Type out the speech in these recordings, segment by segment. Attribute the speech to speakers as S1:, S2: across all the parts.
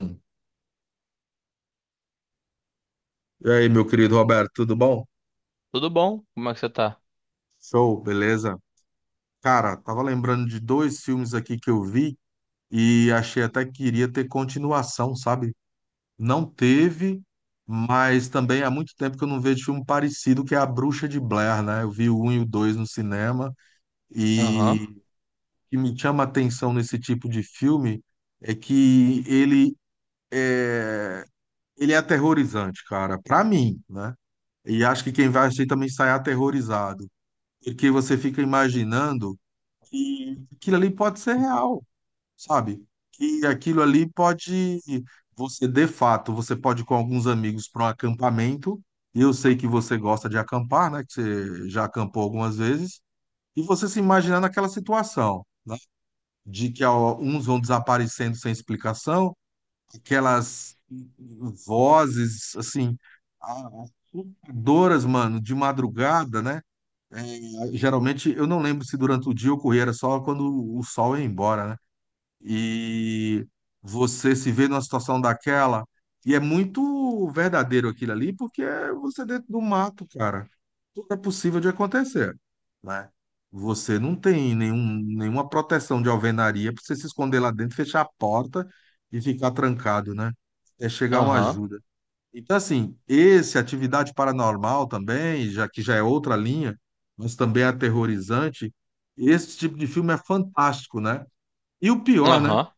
S1: E aí, meu querido Roberto, tudo bom?
S2: Tudo bom? Como é que você tá?
S1: Show, beleza? Cara, tava lembrando de dois filmes aqui que eu vi e achei até que iria ter continuação, sabe? Não teve, mas também há muito tempo que eu não vejo filme parecido, que é A Bruxa de Blair, né? Eu vi o um e o dois no cinema
S2: Aham,
S1: e o que me chama a atenção nesse tipo de filme é que é, ele é aterrorizante, cara, pra mim, né? E acho que quem vai assistir também sai aterrorizado. Porque você fica imaginando que aquilo ali pode ser real, sabe? Que aquilo ali pode, você de fato, você pode ir com alguns amigos para um acampamento, e eu sei que você gosta de acampar, né? Que você já acampou algumas vezes, e você se imaginar naquela situação, né? De que ó, uns vão desaparecendo sem explicação, aquelas vozes, assim, assustadoras, mano, de madrugada, né? É, geralmente, eu não lembro se durante o dia ocorria, era só quando o sol ia embora, né? E você se vê numa situação daquela, e é muito verdadeiro aquilo ali, porque você é dentro do mato, cara. Tudo é possível de acontecer, né? Você não tem nenhuma proteção de alvenaria para você se esconder lá dentro, fechar a porta e ficar trancado, né? É chegar uma
S2: aham,
S1: ajuda. Então, assim, esse Atividade Paranormal também, já que já é outra linha, mas também é aterrorizante, esse tipo de filme é fantástico, né? E o pior, né?
S2: aham.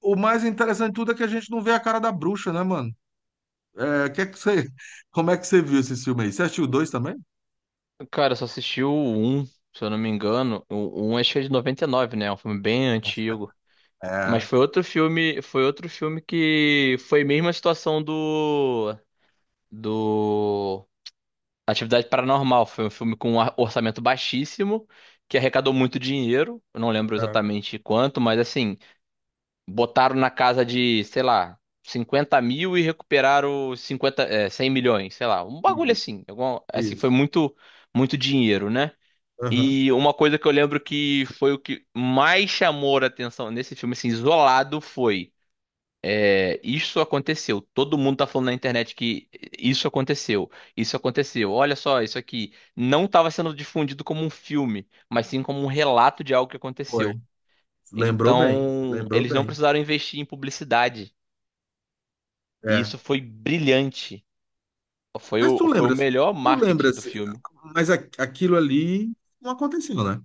S1: O mais interessante de tudo é que a gente não vê a cara da bruxa, né, mano? É que você, como é que você viu esse filme aí? Você assistiu o dois também?
S2: Cara, eu só assisti o um se eu não me engano. O 1, acho que é de 99, né? É um filme bem antigo. Mas
S1: É,
S2: foi outro filme que foi mesmo a situação do Atividade Paranormal. Foi um filme com um orçamento baixíssimo, que arrecadou muito dinheiro. Eu não lembro
S1: é,
S2: exatamente quanto, mas assim, botaram na casa de, sei lá, 50 mil, e recuperaram cinquenta 50, é, 100 milhões, sei lá, um bagulho
S1: isso,
S2: assim. Assim, foi
S1: isso.
S2: muito, muito dinheiro, né?
S1: Aham.
S2: E uma coisa que eu lembro que foi o que mais chamou a atenção nesse filme, assim, isolado, foi isso aconteceu. Todo mundo tá falando na internet que isso aconteceu, isso aconteceu. Olha só, isso aqui não estava sendo difundido como um filme, mas sim como um relato de algo que
S1: Foi.
S2: aconteceu.
S1: Lembrou bem,
S2: Então,
S1: lembrou
S2: eles não
S1: bem.
S2: precisaram investir em publicidade. E
S1: É.
S2: isso foi brilhante. Foi
S1: Mas tu
S2: o
S1: lembras,
S2: melhor
S1: tu
S2: marketing do
S1: lembras,
S2: filme.
S1: mas aquilo ali não aconteceu, né?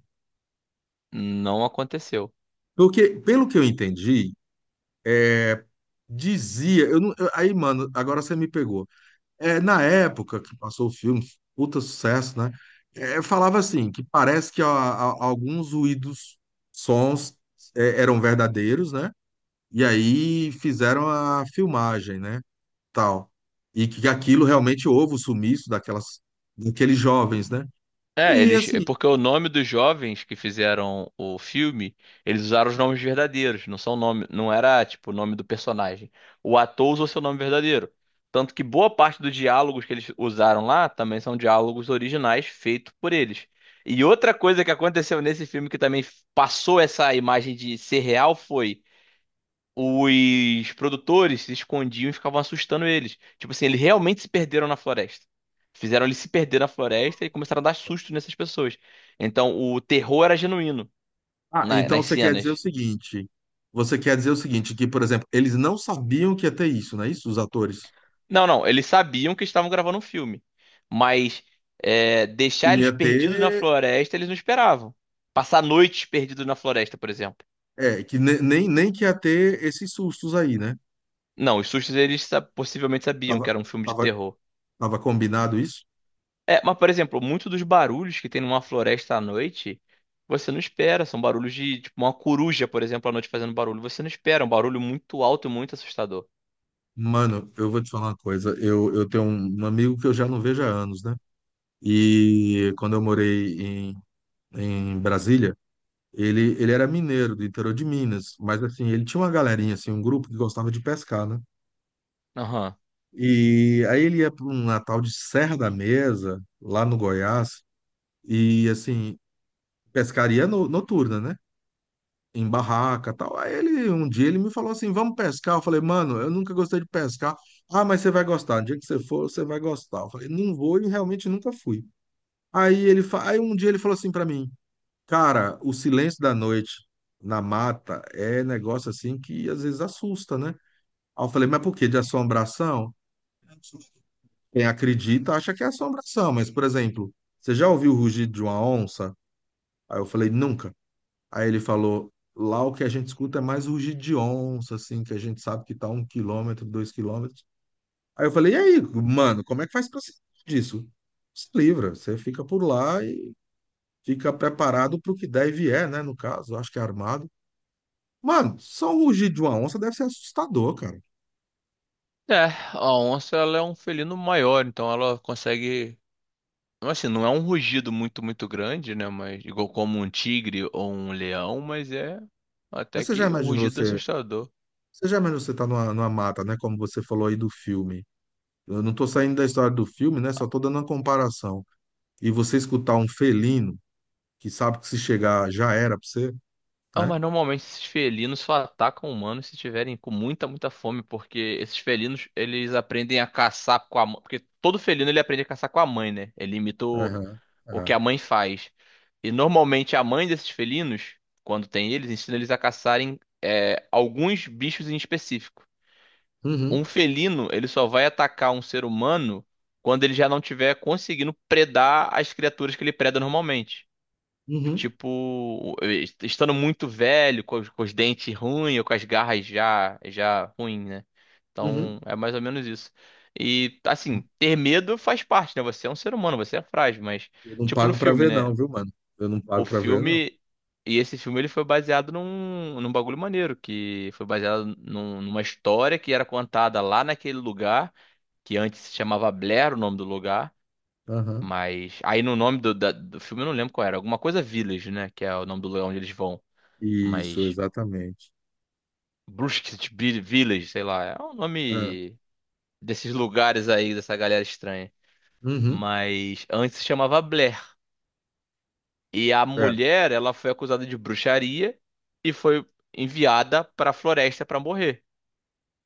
S2: Não aconteceu.
S1: Porque, pelo que eu entendi, dizia, eu não, aí, mano, agora você me pegou. É, na época que passou o filme, puta sucesso, né? É, eu falava assim, que parece que alguns ruídos, sons, eram verdadeiros, né? E aí fizeram a filmagem, né? Tal. E que aquilo realmente houve o sumiço daqueles jovens, né?
S2: É,
S1: E
S2: eles, é
S1: assim,
S2: porque o nome dos jovens que fizeram o filme, eles usaram os nomes verdadeiros, não são nome, não era tipo o nome do personagem. O ator usou seu nome verdadeiro. Tanto que boa parte dos diálogos que eles usaram lá também são diálogos originais feitos por eles. E outra coisa que aconteceu nesse filme que também passou essa imagem de ser real foi os produtores se escondiam e ficavam assustando eles. Tipo assim, eles realmente se perderam na floresta. Fizeram eles se perder na floresta e começaram a dar susto nessas pessoas. Então, o terror era genuíno
S1: ah, então
S2: nas
S1: você quer dizer o
S2: cenas.
S1: seguinte, que, por exemplo, eles não sabiam que ia ter isso, não é isso? Os atores.
S2: Não, não, eles sabiam que estavam gravando um filme. Mas
S1: Que
S2: deixar
S1: não
S2: eles
S1: ia
S2: perdidos na
S1: ter.
S2: floresta, eles não esperavam. Passar noites perdidos na floresta, por exemplo.
S1: Que nem que ia ter esses sustos aí, né?
S2: Não, os sustos eles possivelmente sabiam que
S1: Tava,
S2: era um filme de
S1: tava,
S2: terror.
S1: tava combinado isso?
S2: É, mas, por exemplo, muito dos barulhos que tem numa floresta à noite, você não espera. São barulhos de, tipo, uma coruja, por exemplo, à noite fazendo barulho. Você não espera. É um barulho muito alto e muito assustador.
S1: Mano, eu vou te falar uma coisa. Eu tenho um amigo que eu já não vejo há anos, né? E quando eu morei em Brasília, ele era mineiro do interior de Minas, mas assim, ele tinha uma galerinha, assim, um grupo que gostava de pescar, né?
S2: Aham.
S1: E aí ele ia para um Natal de Serra da Mesa, lá no Goiás, e assim, pescaria noturna, né? Em barraca, tal. Aí ele, um dia ele me falou assim: "Vamos pescar". Eu falei: "Mano, eu nunca gostei de pescar". "Ah, mas você vai gostar. No dia que você for, você vai gostar". Eu falei: "Não vou" e realmente nunca fui. Aí ele, aí um dia ele falou assim pra mim: "Cara, o silêncio da noite na mata é negócio assim que às vezes assusta, né?". Aí eu falei: "Mas por quê? De assombração?". Quem acredita acha que é assombração, mas por exemplo, você já ouviu o rugido de uma onça? Aí eu falei: "Nunca". Aí ele falou: lá o que a gente escuta é mais rugido de onça, assim, que a gente sabe que tá um quilômetro, dois quilômetros. Aí eu falei: e aí, mano, como é que faz pra se livrar disso? Se livra, você fica por lá e fica preparado pro que der e vier, né? No caso, eu acho que é armado. Mano, só o rugido de uma onça deve ser assustador, cara.
S2: É, a onça, ela é um felino maior, então ela consegue. Assim, não é um rugido muito, muito grande, né? Mas igual como um tigre ou um leão, mas é
S1: Aí
S2: até
S1: você já
S2: que um
S1: imaginou
S2: rugido
S1: você.
S2: assustador.
S1: Você já imaginou você tá numa, mata, né? Como você falou aí do filme. Eu não tô saindo da história do filme, né? Só tô dando uma comparação. E você escutar um felino que sabe que se chegar já era pra você.
S2: Não,
S1: Né?
S2: mas normalmente esses felinos só atacam humanos se tiverem com muita, muita fome, porque esses felinos, eles aprendem a caçar com a mãe, porque todo felino ele aprende a caçar com a mãe, né? Ele imita o,
S1: Aham,
S2: o
S1: é.
S2: que a mãe faz. E normalmente a mãe desses felinos, quando tem eles, ensina eles a caçarem alguns bichos em específico. Um
S1: Uhum,
S2: felino, ele só vai atacar um ser humano quando ele já não tiver conseguindo predar as criaturas que ele preda normalmente.
S1: uhum,
S2: Tipo, estando muito velho, com os dentes ruins, ou com as garras já, já ruim, né?
S1: uhum.
S2: Então, é mais ou menos isso. E, assim, ter medo faz parte, né? Você é um ser humano, você é frágil, mas,
S1: Eu não
S2: tipo no
S1: pago pra
S2: filme,
S1: ver,
S2: né?
S1: não, viu, mano? Eu não pago
S2: O
S1: pra ver, não.
S2: filme, e esse filme, ele foi baseado num bagulho maneiro, que foi baseado numa história que era contada lá naquele lugar, que antes se chamava Blair, o nome do lugar.
S1: Aham.
S2: Mas aí no nome do filme eu não lembro qual era. Alguma coisa Village, né? Que é o nome do lugar onde eles vão.
S1: Isso,
S2: Mas
S1: exatamente.
S2: Brusque Village, sei lá. É o
S1: É.
S2: nome desses lugares aí, dessa galera estranha.
S1: Uhum.
S2: Mas antes se chamava Blair. E a
S1: É.
S2: mulher, ela foi acusada de bruxaria e foi enviada pra floresta pra morrer.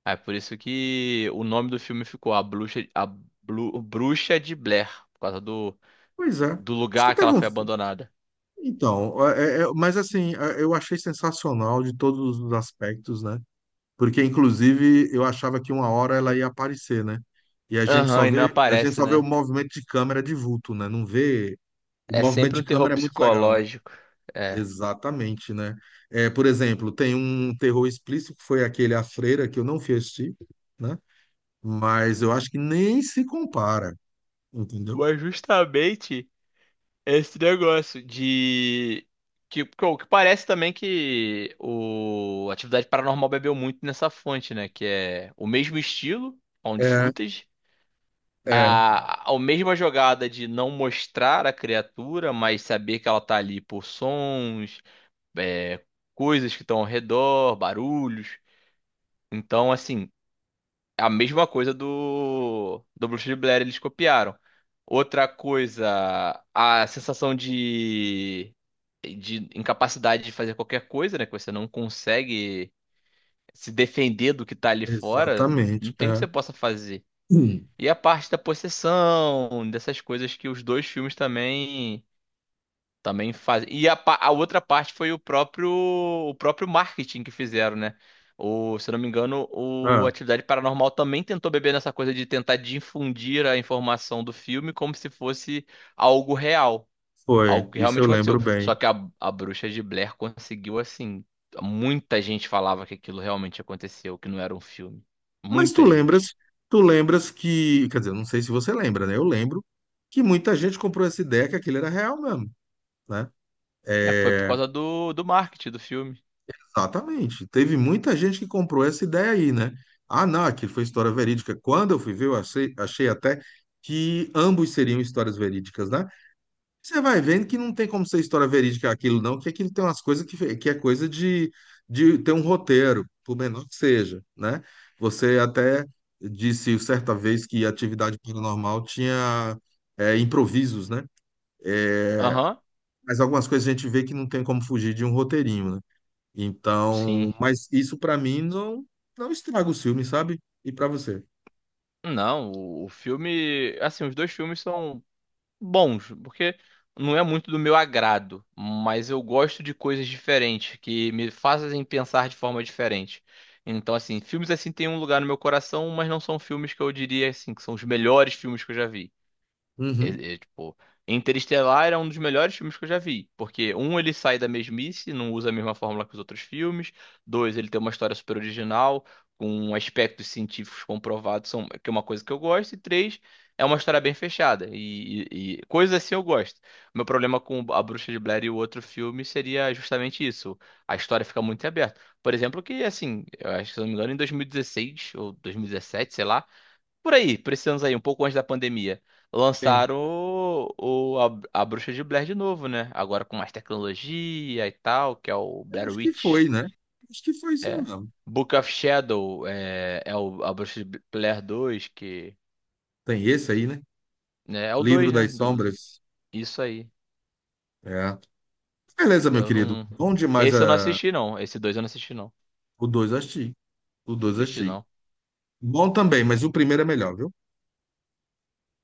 S2: É por isso que o nome do filme ficou A Bruxa, a Bruxa de Blair, por causa do,
S1: Pois é.
S2: do
S1: Acho que
S2: lugar que
S1: tava
S2: ela foi
S1: um-
S2: abandonada.
S1: Então, mas assim, eu achei sensacional de todos os aspectos, né? Porque, inclusive, eu achava que uma hora ela ia aparecer, né? E a gente
S2: Aham,
S1: só
S2: e não
S1: vê, a gente
S2: aparece,
S1: só vê o
S2: né?
S1: movimento de câmera de vulto, né? Não vê. O
S2: É
S1: movimento
S2: sempre
S1: de
S2: um terror
S1: câmera é muito legal, né?
S2: psicológico. É.
S1: Exatamente, né? É, por exemplo, tem um terror explícito que foi aquele A Freira, que eu não fui assistir, né? Mas eu acho que nem se compara, entendeu?
S2: Mas justamente esse negócio de. O que parece também que o Atividade Paranormal bebeu muito nessa fonte, né? Que é o mesmo estilo, found
S1: É,
S2: footage,
S1: é,
S2: a mesma jogada de não mostrar a criatura, mas saber que ela tá ali por sons, coisas que estão ao redor, barulhos. Então, assim, a mesma coisa do Bruxa de Blair, eles copiaram. Outra coisa, a sensação de incapacidade de fazer qualquer coisa, né? Que você não consegue se defender do que tá ali fora,
S1: exatamente,
S2: não tem o que
S1: é.
S2: você possa fazer.
S1: Hum.
S2: E a parte da possessão, dessas coisas que os dois filmes também. Também faz. E a outra parte foi o próprio marketing que fizeram, né? O, se eu não me engano, o
S1: Ah,
S2: Atividade Paranormal também tentou beber nessa coisa de tentar difundir a informação do filme como se fosse algo real, algo
S1: foi,
S2: que
S1: isso
S2: realmente
S1: eu
S2: aconteceu.
S1: lembro
S2: Só
S1: bem.
S2: que a Bruxa de Blair conseguiu, assim, muita gente falava que aquilo realmente aconteceu, que não era um filme.
S1: Mas tu
S2: Muita gente.
S1: lembras, tu lembras que, quer dizer, eu não sei se você lembra, né? Eu lembro que muita gente comprou essa ideia que aquilo era real mesmo, né?
S2: É, foi por
S1: É,
S2: causa do marketing do filme.
S1: exatamente. Teve muita gente que comprou essa ideia aí, né? Ah, não, aquilo foi história verídica. Quando eu fui ver, achei até que ambos seriam histórias verídicas, né? Você vai vendo que não tem como ser história verídica aquilo, não, que aquilo tem umas coisas que é coisa de ter um roteiro, por menor que seja, né? Você até disse certa vez que atividade paranormal tinha improvisos, né? É,
S2: Aham,
S1: mas algumas coisas a gente vê que não tem como fugir de um roteirinho, né?
S2: sim.
S1: Então, mas isso pra mim não estraga o filme, sabe? E pra você?
S2: Não, o filme, assim, os dois filmes são bons, porque não é muito do meu agrado, mas eu gosto de coisas diferentes que me fazem pensar de forma diferente. Então, assim, filmes assim têm um lugar no meu coração, mas não são filmes que eu diria assim que são os melhores filmes que eu já vi.
S1: Uhum,
S2: É, tipo, Interestelar era um dos melhores filmes que eu já vi. Porque, um, ele sai da mesmice, não usa a mesma fórmula que os outros filmes. Dois, ele tem uma história super original, com aspectos científicos comprovados, são, que é uma coisa que eu gosto. E três, é uma história bem fechada. E, e coisas assim eu gosto. Meu problema com A Bruxa de Blair e o outro filme seria justamente isso. A história fica muito em aberto. Por exemplo, que, assim, eu acho que, se eu não me engano, em 2016 ou 2017, sei lá, por aí, por esses anos aí, um pouco antes da pandemia,
S1: tem.
S2: lançaram o- a Bruxa de Blair de novo, né? Agora com mais tecnologia e tal, que é o
S1: Eu
S2: Blair
S1: acho que
S2: Witch.
S1: foi, né? Acho que foi isso
S2: É.
S1: mesmo.
S2: Book of Shadow a Bruxa de Blair 2, que,
S1: Tem esse aí, né?
S2: né, é o
S1: Livro
S2: 2, né?
S1: das Sombras.
S2: Isso aí.
S1: É. Beleza, meu
S2: Eu
S1: querido.
S2: não.
S1: Bom demais
S2: Esse eu não
S1: a...
S2: assisti, não. Esse 2 eu não assisti, não.
S1: O 2 assisti. O 2
S2: Assisti,
S1: assisti.
S2: não.
S1: Bom também, mas o primeiro é melhor, viu?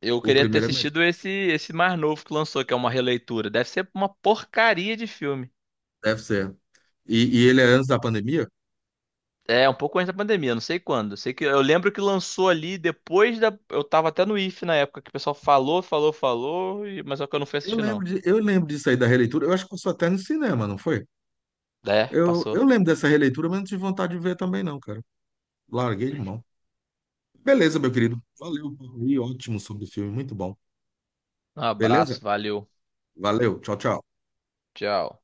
S2: Eu
S1: O
S2: queria ter
S1: primeiro é melhor.
S2: assistido esse mais novo que lançou, que é uma releitura. Deve ser uma porcaria de filme.
S1: Deve ser. E, e ele é antes da pandemia?
S2: É, um pouco antes da pandemia, não sei quando. Sei que eu lembro que lançou ali depois da. Eu tava até no IF na época que o pessoal falou, falou, falou, mas só que eu não fui assistir, não.
S1: Eu lembro disso aí da releitura. Eu acho que passou até no cinema, não foi?
S2: É,
S1: Eu
S2: passou.
S1: lembro dessa releitura, mas não tive vontade de ver também, não, cara. Larguei de mão. Beleza, meu querido. Valeu, papo aí, ótimo sobre o filme, muito bom.
S2: Um
S1: Beleza?
S2: abraço, valeu.
S1: Valeu, tchau, tchau.
S2: Tchau.